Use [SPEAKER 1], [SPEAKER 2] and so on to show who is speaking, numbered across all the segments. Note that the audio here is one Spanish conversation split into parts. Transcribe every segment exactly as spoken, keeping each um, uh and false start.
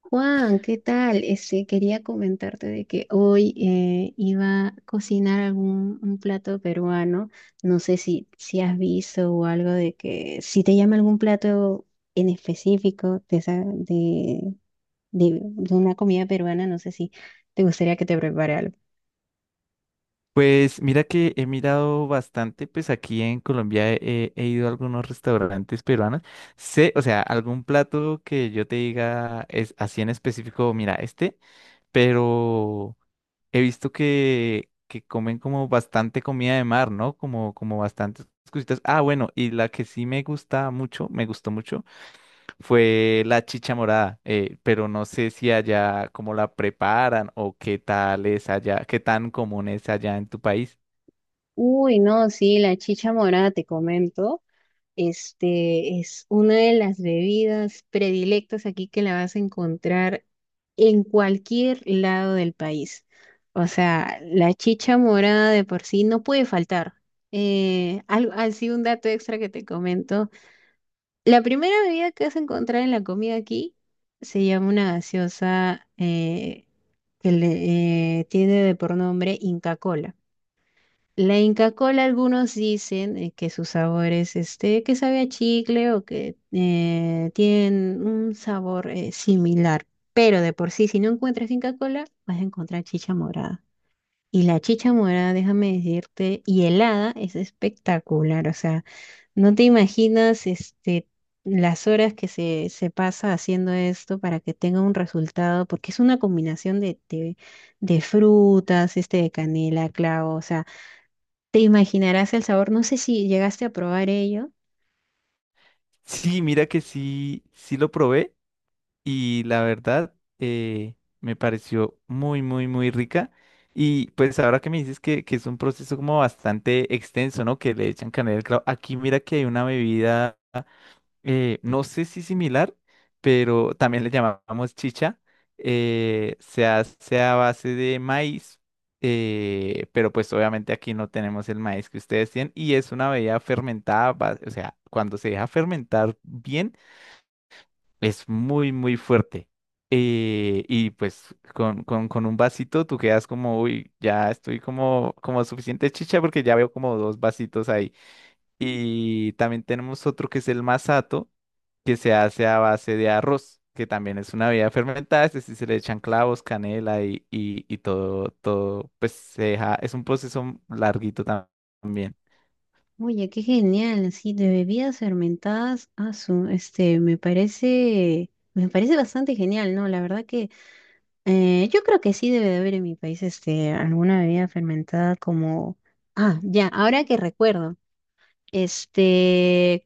[SPEAKER 1] Juan, ¿qué tal? Este, quería comentarte de que hoy eh, iba a cocinar algún un plato peruano. No sé si, si has visto o algo de que si te llama algún plato en específico de, esa- de, de, de una comida peruana, no sé si te gustaría que te prepare algo.
[SPEAKER 2] Pues mira que he mirado bastante, pues aquí en Colombia he, he ido a algunos restaurantes peruanos. Sé, o sea, algún plato que yo te diga es así en específico, mira, este, pero he visto que, que comen como bastante comida de mar, ¿no? Como, como bastantes cositas. Ah, bueno, y la que sí me gusta mucho, me gustó mucho, fue la chicha morada, eh, pero no sé si allá cómo la preparan o qué tal es allá, qué tan común es allá en tu país.
[SPEAKER 1] Uy, no, sí, la chicha morada, te comento. Este es una de las bebidas predilectas aquí que la vas a encontrar en cualquier lado del país. O sea, la chicha morada de por sí no puede faltar. Eh, al- así un dato extra que te comento: la primera bebida que vas a encontrar en la comida aquí se llama una gaseosa eh, que le, eh, tiene de por nombre Inca Kola. La Inca Kola, algunos dicen eh, que su sabor es este, que sabe a chicle o que eh, tienen un sabor eh, similar, pero de por sí, si no encuentras Inca Kola, vas a encontrar chicha morada. Y la chicha morada, déjame decirte, y helada es espectacular. O sea, no te imaginas este, las horas que se, se pasa haciendo esto para que tenga un resultado, porque es una combinación de, de, de frutas, este, de canela, clavo, o sea. Te imaginarás el sabor, no sé si llegaste a probar ello.
[SPEAKER 2] Sí, mira que sí, sí lo probé y la verdad eh, me pareció muy, muy, muy rica. Y pues ahora que me dices que, que es un proceso como bastante extenso, ¿no? Que le echan canela al clavo. Aquí mira que hay una bebida eh, no sé si similar, pero también le llamamos chicha. Eh, se hace a base de maíz, eh, pero pues obviamente aquí no tenemos el maíz que ustedes tienen y es una bebida fermentada, va- o sea, cuando se deja fermentar bien, es muy, muy fuerte. Eh, y pues con, con- con un vasito tú quedas como, uy, ya estoy como, como suficiente chicha porque ya veo como dos vasitos ahí. Y también tenemos otro que es el masato que se hace a base de arroz, que también es una bebida fermentada, es decir, se le echan clavos, canela y, y, y todo, todo, pues se deja, es un proceso larguito tam- también.
[SPEAKER 1] Oye, qué genial, sí, de bebidas fermentadas, ah, su, este, me parece, me parece bastante genial, ¿no? La verdad que eh, yo creo que sí debe de haber en mi país, este, alguna bebida fermentada como, ah, ya, ahora que recuerdo, este,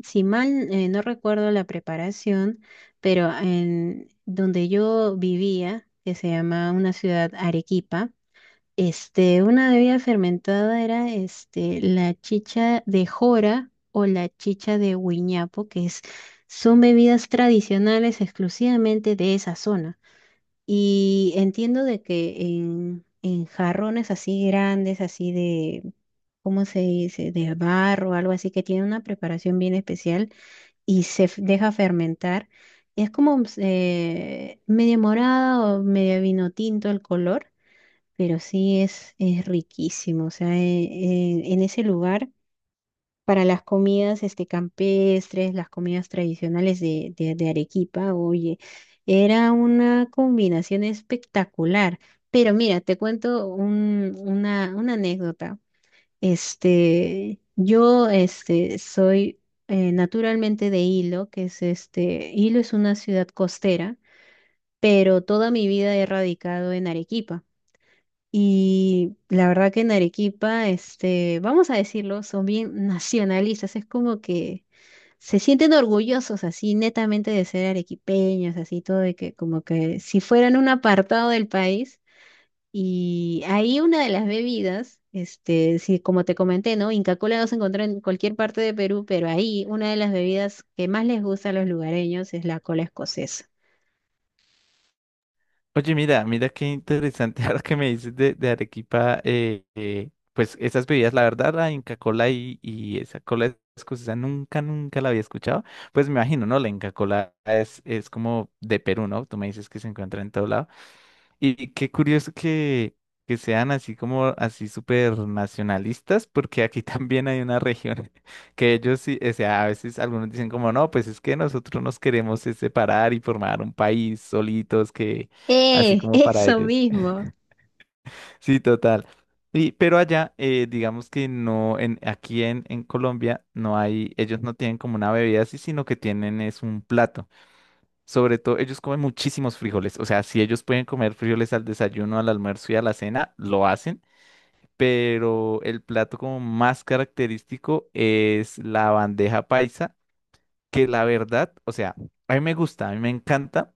[SPEAKER 1] si mal eh, no recuerdo la preparación, pero en donde yo vivía, que se llama una ciudad Arequipa, Este, una bebida fermentada era este, la chicha de jora o la chicha de huiñapo, que es, son bebidas tradicionales exclusivamente de esa zona. Y entiendo de que en, en jarrones así grandes, así de, ¿cómo se dice? De barro, algo así, que tiene una preparación bien especial y se f- deja fermentar. Es como eh, media morada o media vino tinto el color, pero sí es, es riquísimo. O sea, eh, eh, en ese lugar, para las comidas este, campestres, las comidas tradicionales de, de, de Arequipa, oye, era una combinación espectacular. Pero mira, te cuento un- una, una anécdota. Este, yo este, soy eh, naturalmente de Hilo, que es este, Hilo es una ciudad costera, pero toda mi vida he radicado en Arequipa. Y la verdad que en Arequipa, este, vamos a decirlo, son bien nacionalistas, es como que se sienten orgullosos así netamente de ser arequipeños, así todo de que como que si fueran un apartado del país. Y ahí una de las bebidas, este, sí, como te comenté, ¿no? Inca Kola no se encuentra en cualquier parte de Perú, pero ahí una de las bebidas que más les gusta a los lugareños es la cola escocesa.
[SPEAKER 2] Oye, mira, mira qué interesante ahora que me dices de, de Arequipa, eh, eh, pues esas bebidas, la verdad, la Inca Kola y, y esa cola escocesa nunca, nunca la había escuchado. Pues me imagino, ¿no? La Inca Kola es, es como de Perú, ¿no? Tú me dices que se encuentra en todo lado. Y qué curioso que, que sean así como así súper nacionalistas, porque aquí también hay una región que ellos sí, o sea, a veces algunos dicen como, no, pues es que nosotros nos queremos es separar y formar un país solitos, que así
[SPEAKER 1] ¡Eh!
[SPEAKER 2] como para
[SPEAKER 1] Eso
[SPEAKER 2] ellos.
[SPEAKER 1] mismo.
[SPEAKER 2] Sí, total. Y, pero allá, eh, digamos que no, en, aquí en, en Colombia no hay, ellos no tienen como una bebida así, sino que tienen es un plato. Sobre todo, ellos comen muchísimos frijoles. O sea, si ellos pueden comer frijoles al desayuno, al almuerzo y a la cena, lo hacen. Pero el plato como más característico es la bandeja paisa, que la verdad, o sea, a mí me gusta, a mí me encanta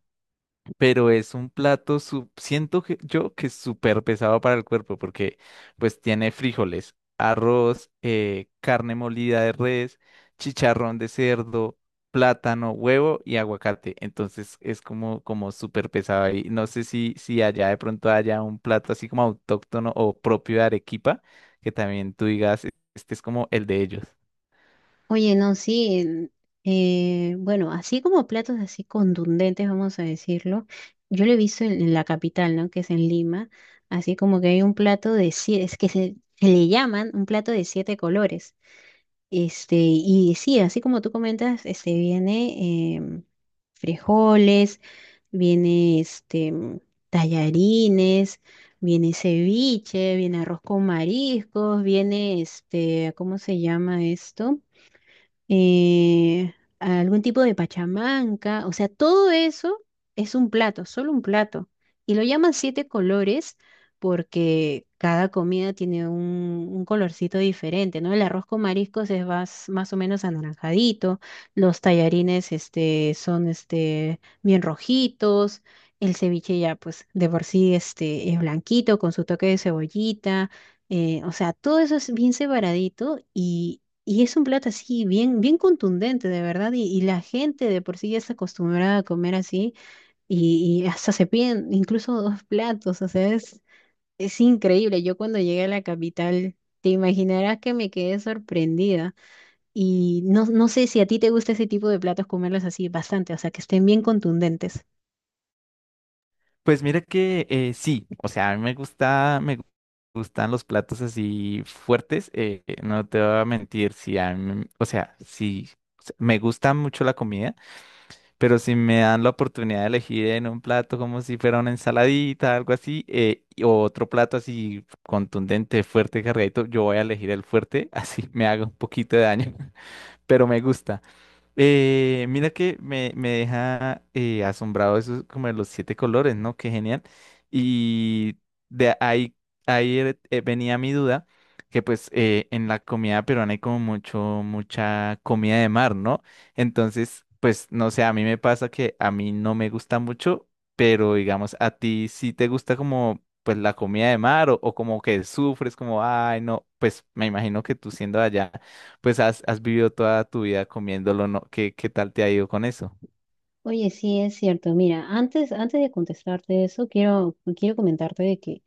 [SPEAKER 2] pero es un plato, su- siento que yo que es súper pesado para el cuerpo porque pues tiene frijoles, arroz, eh, carne molida de res, chicharrón de cerdo, plátano, huevo y aguacate. Entonces es como, como súper pesado y no sé si, si allá de pronto haya un plato así como autóctono o propio de Arequipa, que también tú digas, este es como el de ellos.
[SPEAKER 1] Oye, no, sí, en- eh, bueno, así como platos así contundentes, vamos a decirlo, yo lo he visto en, en la capital, ¿no? Que es en Lima, así como que hay un plato de siete, es que se, se le llaman un plato de siete colores. Este, y sí, así como tú comentas, este viene em, frijoles, viene este mm, tallarines, viene ceviche, viene arroz con mariscos, viene este, ¿cómo se llama esto? Eh, algún tipo de pachamanca, o sea, todo eso es un plato, solo un plato. Y lo llaman siete colores porque cada comida tiene un, un colorcito diferente, ¿no? El arroz con mariscos es más, más o menos anaranjadito, los tallarines este, son este, bien rojitos. El ceviche ya, pues, de por sí este, es blanquito con su toque de cebollita. Eh, o sea, todo eso es bien separadito y, y es un plato así, bien, bien contundente, de verdad. Y, y la gente de por sí ya está acostumbrada a comer así. Y, y hasta se piden incluso dos platos. O sea, es, es increíble. Yo cuando llegué a la capital, te imaginarás que me quedé sorprendida. Y no, no sé si a ti te gusta ese tipo de platos, comerlos así bastante. O sea, que estén bien contundentes.
[SPEAKER 2] Pues mira que eh, sí, o sea, a mí me gusta, me gustan los platos así fuertes, eh, no te voy a mentir, si a mí- o sea, si me gusta mucho la comida, pero si me dan la oportunidad de elegir en un plato como si fuera una ensaladita, algo así, eh, y- o otro plato así contundente, fuerte, cargadito, yo voy a elegir el fuerte, así me haga un poquito de daño, pero me gusta. Eh, mira que me, me deja eh, asombrado eso como de los siete colores, ¿no? Qué genial. Y de ahí, ahí er- eh, venía mi duda, que pues eh, en la comida peruana hay como mucho, mucha comida de mar, ¿no? Entonces, pues no sé, a mí me pasa que a mí no me gusta mucho, pero digamos, a ti sí te gusta como pues la comida de mar o, o como que sufres como, ay, no, pues me imagino que tú siendo de allá pues has, has vivido toda tu vida comiéndolo, ¿no? ¿Qué, qué tal te ha ido con eso?
[SPEAKER 1] Oye, sí, es cierto. Mira, antes, antes de contestarte eso, quiero, quiero comentarte de que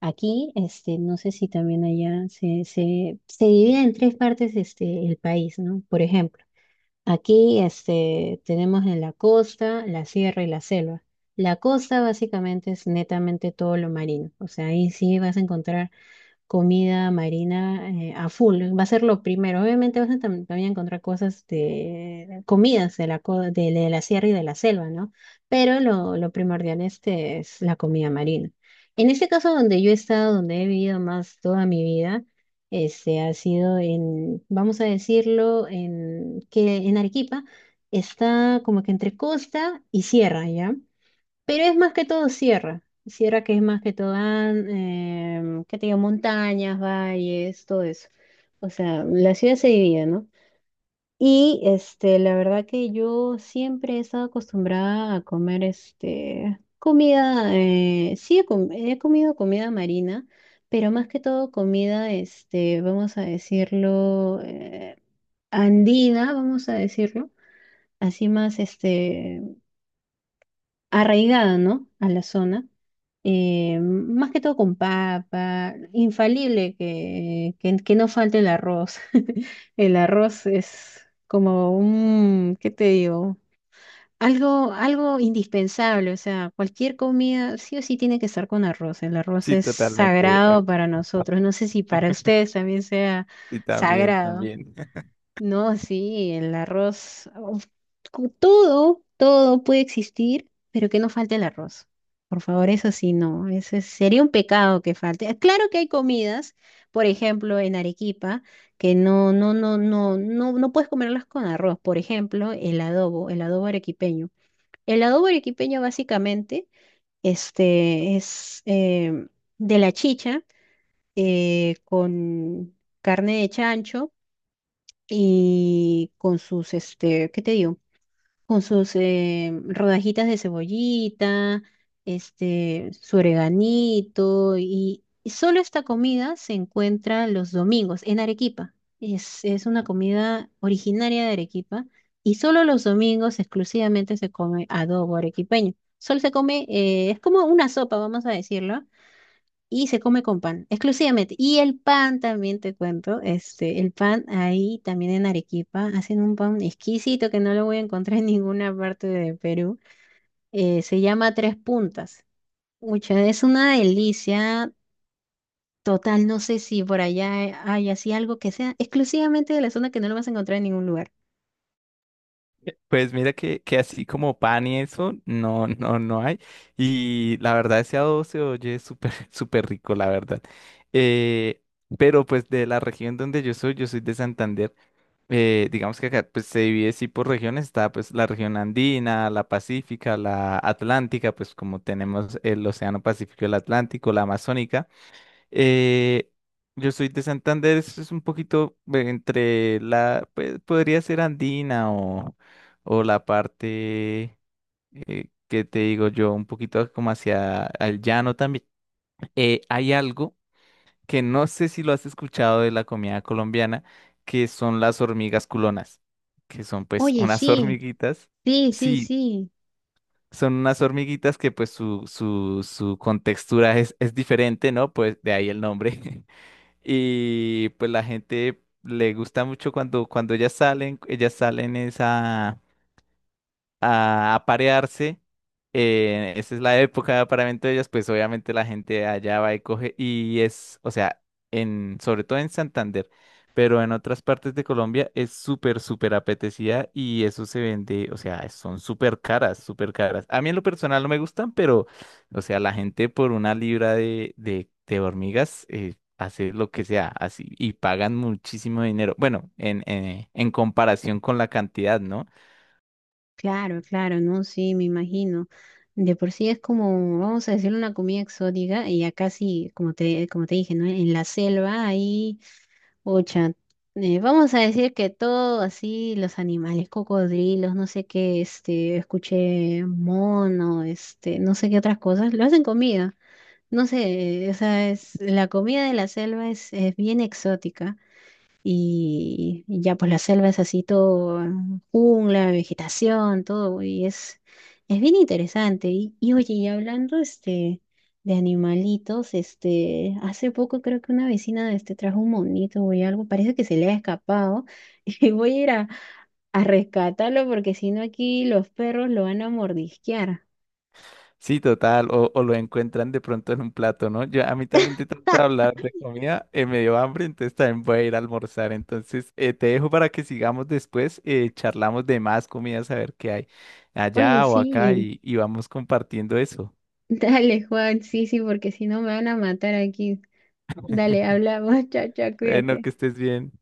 [SPEAKER 1] aquí, este, no sé si también allá se, se, se divide en tres partes este, el país, ¿no? Por ejemplo, aquí este, tenemos en la costa, la sierra y la selva. La costa básicamente es netamente todo lo marino, o sea, ahí sí vas a encontrar comida marina eh, a full. Va a ser lo primero. Obviamente vas a tam- también encontrar cosas de comidas de la, co- de, de la sierra y de la selva, ¿no? Pero lo, lo primordial este es la comida marina. En este caso, donde yo he estado, donde he vivido más toda mi vida, este ha sido en, vamos a decirlo, en, que en Arequipa está como que entre costa y sierra, ¿ya? Pero es más que todo sierra. Sierra que es más que todo, que ¿qué te digo? Montañas, valles, todo eso. O sea, la ciudad se divide, ¿no? Y este, la verdad que yo siempre he estado acostumbrada a comer este, comida, eh, sí he, com- he comido comida marina, pero más que todo comida, este, vamos a decirlo, eh, andina, vamos a decirlo. Así más, este, arraigada, ¿no? A la zona, eh, más que todo con papa, infalible que, que, que no falte el arroz. El arroz es como un, ¿qué te digo? Algo, algo indispensable, o sea, cualquier comida sí o sí tiene que estar con arroz. El arroz
[SPEAKER 2] Sí,
[SPEAKER 1] es
[SPEAKER 2] totalmente. Ac-
[SPEAKER 1] sagrado para nosotros. No sé si para ustedes también sea
[SPEAKER 2] sí también,
[SPEAKER 1] sagrado.
[SPEAKER 2] también.
[SPEAKER 1] No, sí, el arroz, uf, cu- todo, todo puede existir, pero que no falte el arroz. Por favor, eso sí, no, ese sería un pecado que falte. Ah, claro que hay comidas, por ejemplo, en Arequipa, que no, no, no, no, no, no puedes comerlas con arroz. Por ejemplo, el adobo, el adobo arequipeño. El adobo arequipeño básicamente, este, es em, de la chicha eh, con carne de chancho y con sus, este, ¿qué te digo? Con sus eh, rodajitas de cebollita, este, su oreganito, y, y solo esta comida se encuentra los domingos en Arequipa. Es, es una comida originaria de Arequipa y solo los domingos exclusivamente se come adobo arequipeño. Solo se come, eh, es como una sopa, vamos a decirlo, y se come con pan, exclusivamente. Y el pan también te cuento, este, el pan ahí también en Arequipa, hacen un pan exquisito que no lo voy a encontrar en ninguna parte de Perú. Eh, se llama Tres Puntas. Mucha, es una delicia total, no sé si por allá hay así algo que sea exclusivamente de la zona que no lo vas a encontrar en ningún lugar.
[SPEAKER 2] Pues mira que, que así como pan y eso, no, no, no hay. Y la verdad, ese adobo se oye súper, súper rico, la verdad. Eh, pero pues de la región donde yo soy, yo soy de Santander. Eh, digamos que acá pues se divide sí por regiones. Está pues la región andina, la pacífica, la atlántica, pues como tenemos el océano Pacífico, y el Atlántico, la amazónica. Eh, yo soy de Santander, es es un poquito eh, entre la, pues, podría ser andina o, o la parte eh, que te digo yo, un poquito como hacia el llano también. Eh, hay algo que no sé si lo has escuchado de la comida colombiana, que son las hormigas culonas, que son pues
[SPEAKER 1] Oye,
[SPEAKER 2] unas
[SPEAKER 1] sí,
[SPEAKER 2] hormiguitas.
[SPEAKER 1] sí, sí,
[SPEAKER 2] Sí,
[SPEAKER 1] sí.
[SPEAKER 2] son unas hormiguitas que pues su, su, su contextura es, es diferente, ¿no? Pues de ahí el nombre. Y pues la gente le gusta mucho cuando, cuando ellas salen, ellas salen esa a, a parearse. Eh, esa es la época de apareamiento de ellas, pues obviamente la gente allá va y coge y es, o sea, en, sobre todo en Santander, pero en otras partes de Colombia es súper, súper apetecida y eso se vende, o sea, son súper caras, súper caras. A mí en lo personal no me gustan, pero, o sea, la gente por una libra de, de, de hormigas eh, hace lo que sea, así, y pagan muchísimo dinero. Bueno, en, en en comparación con la cantidad, ¿no?
[SPEAKER 1] Claro, claro, no, sí, me imagino. De por sí es como, vamos a decir, una comida exótica y acá sí, como te, como te dije, ¿no? En la selva ahí, ocha, eh, vamos a decir que todo así, los animales, cocodrilos, no sé qué, este, escuché mono, este, no sé qué otras cosas, lo hacen comida. No sé, o sea, es, la comida de la selva es, es bien exótica. Y y ya pues la selva es así todo, jungla, vegetación, todo, y es, es bien interesante. Y, y oye, y hablando este, de animalitos, este, hace poco creo que una vecina este, trajo un monito o algo, parece que se le ha escapado, y voy a ir a, a rescatarlo porque si no aquí los perros lo van a mordisquear.
[SPEAKER 2] Sí, total, o, o lo encuentran de pronto en un plato, ¿no? Yo a mí también te trata de
[SPEAKER 1] ¡Ja!
[SPEAKER 2] hablar de comida, eh, me dio hambre, entonces también voy a ir a almorzar. Entonces, eh, te dejo para que sigamos después, eh, charlamos de más comidas, a ver qué hay
[SPEAKER 1] Oye,
[SPEAKER 2] allá o acá
[SPEAKER 1] sí,
[SPEAKER 2] y, y vamos compartiendo eso.
[SPEAKER 1] dale Juan, sí, sí, porque si no me van a matar aquí. Dale, hablamos, chao, chao,
[SPEAKER 2] Bueno,
[SPEAKER 1] cuídate.
[SPEAKER 2] que estés bien.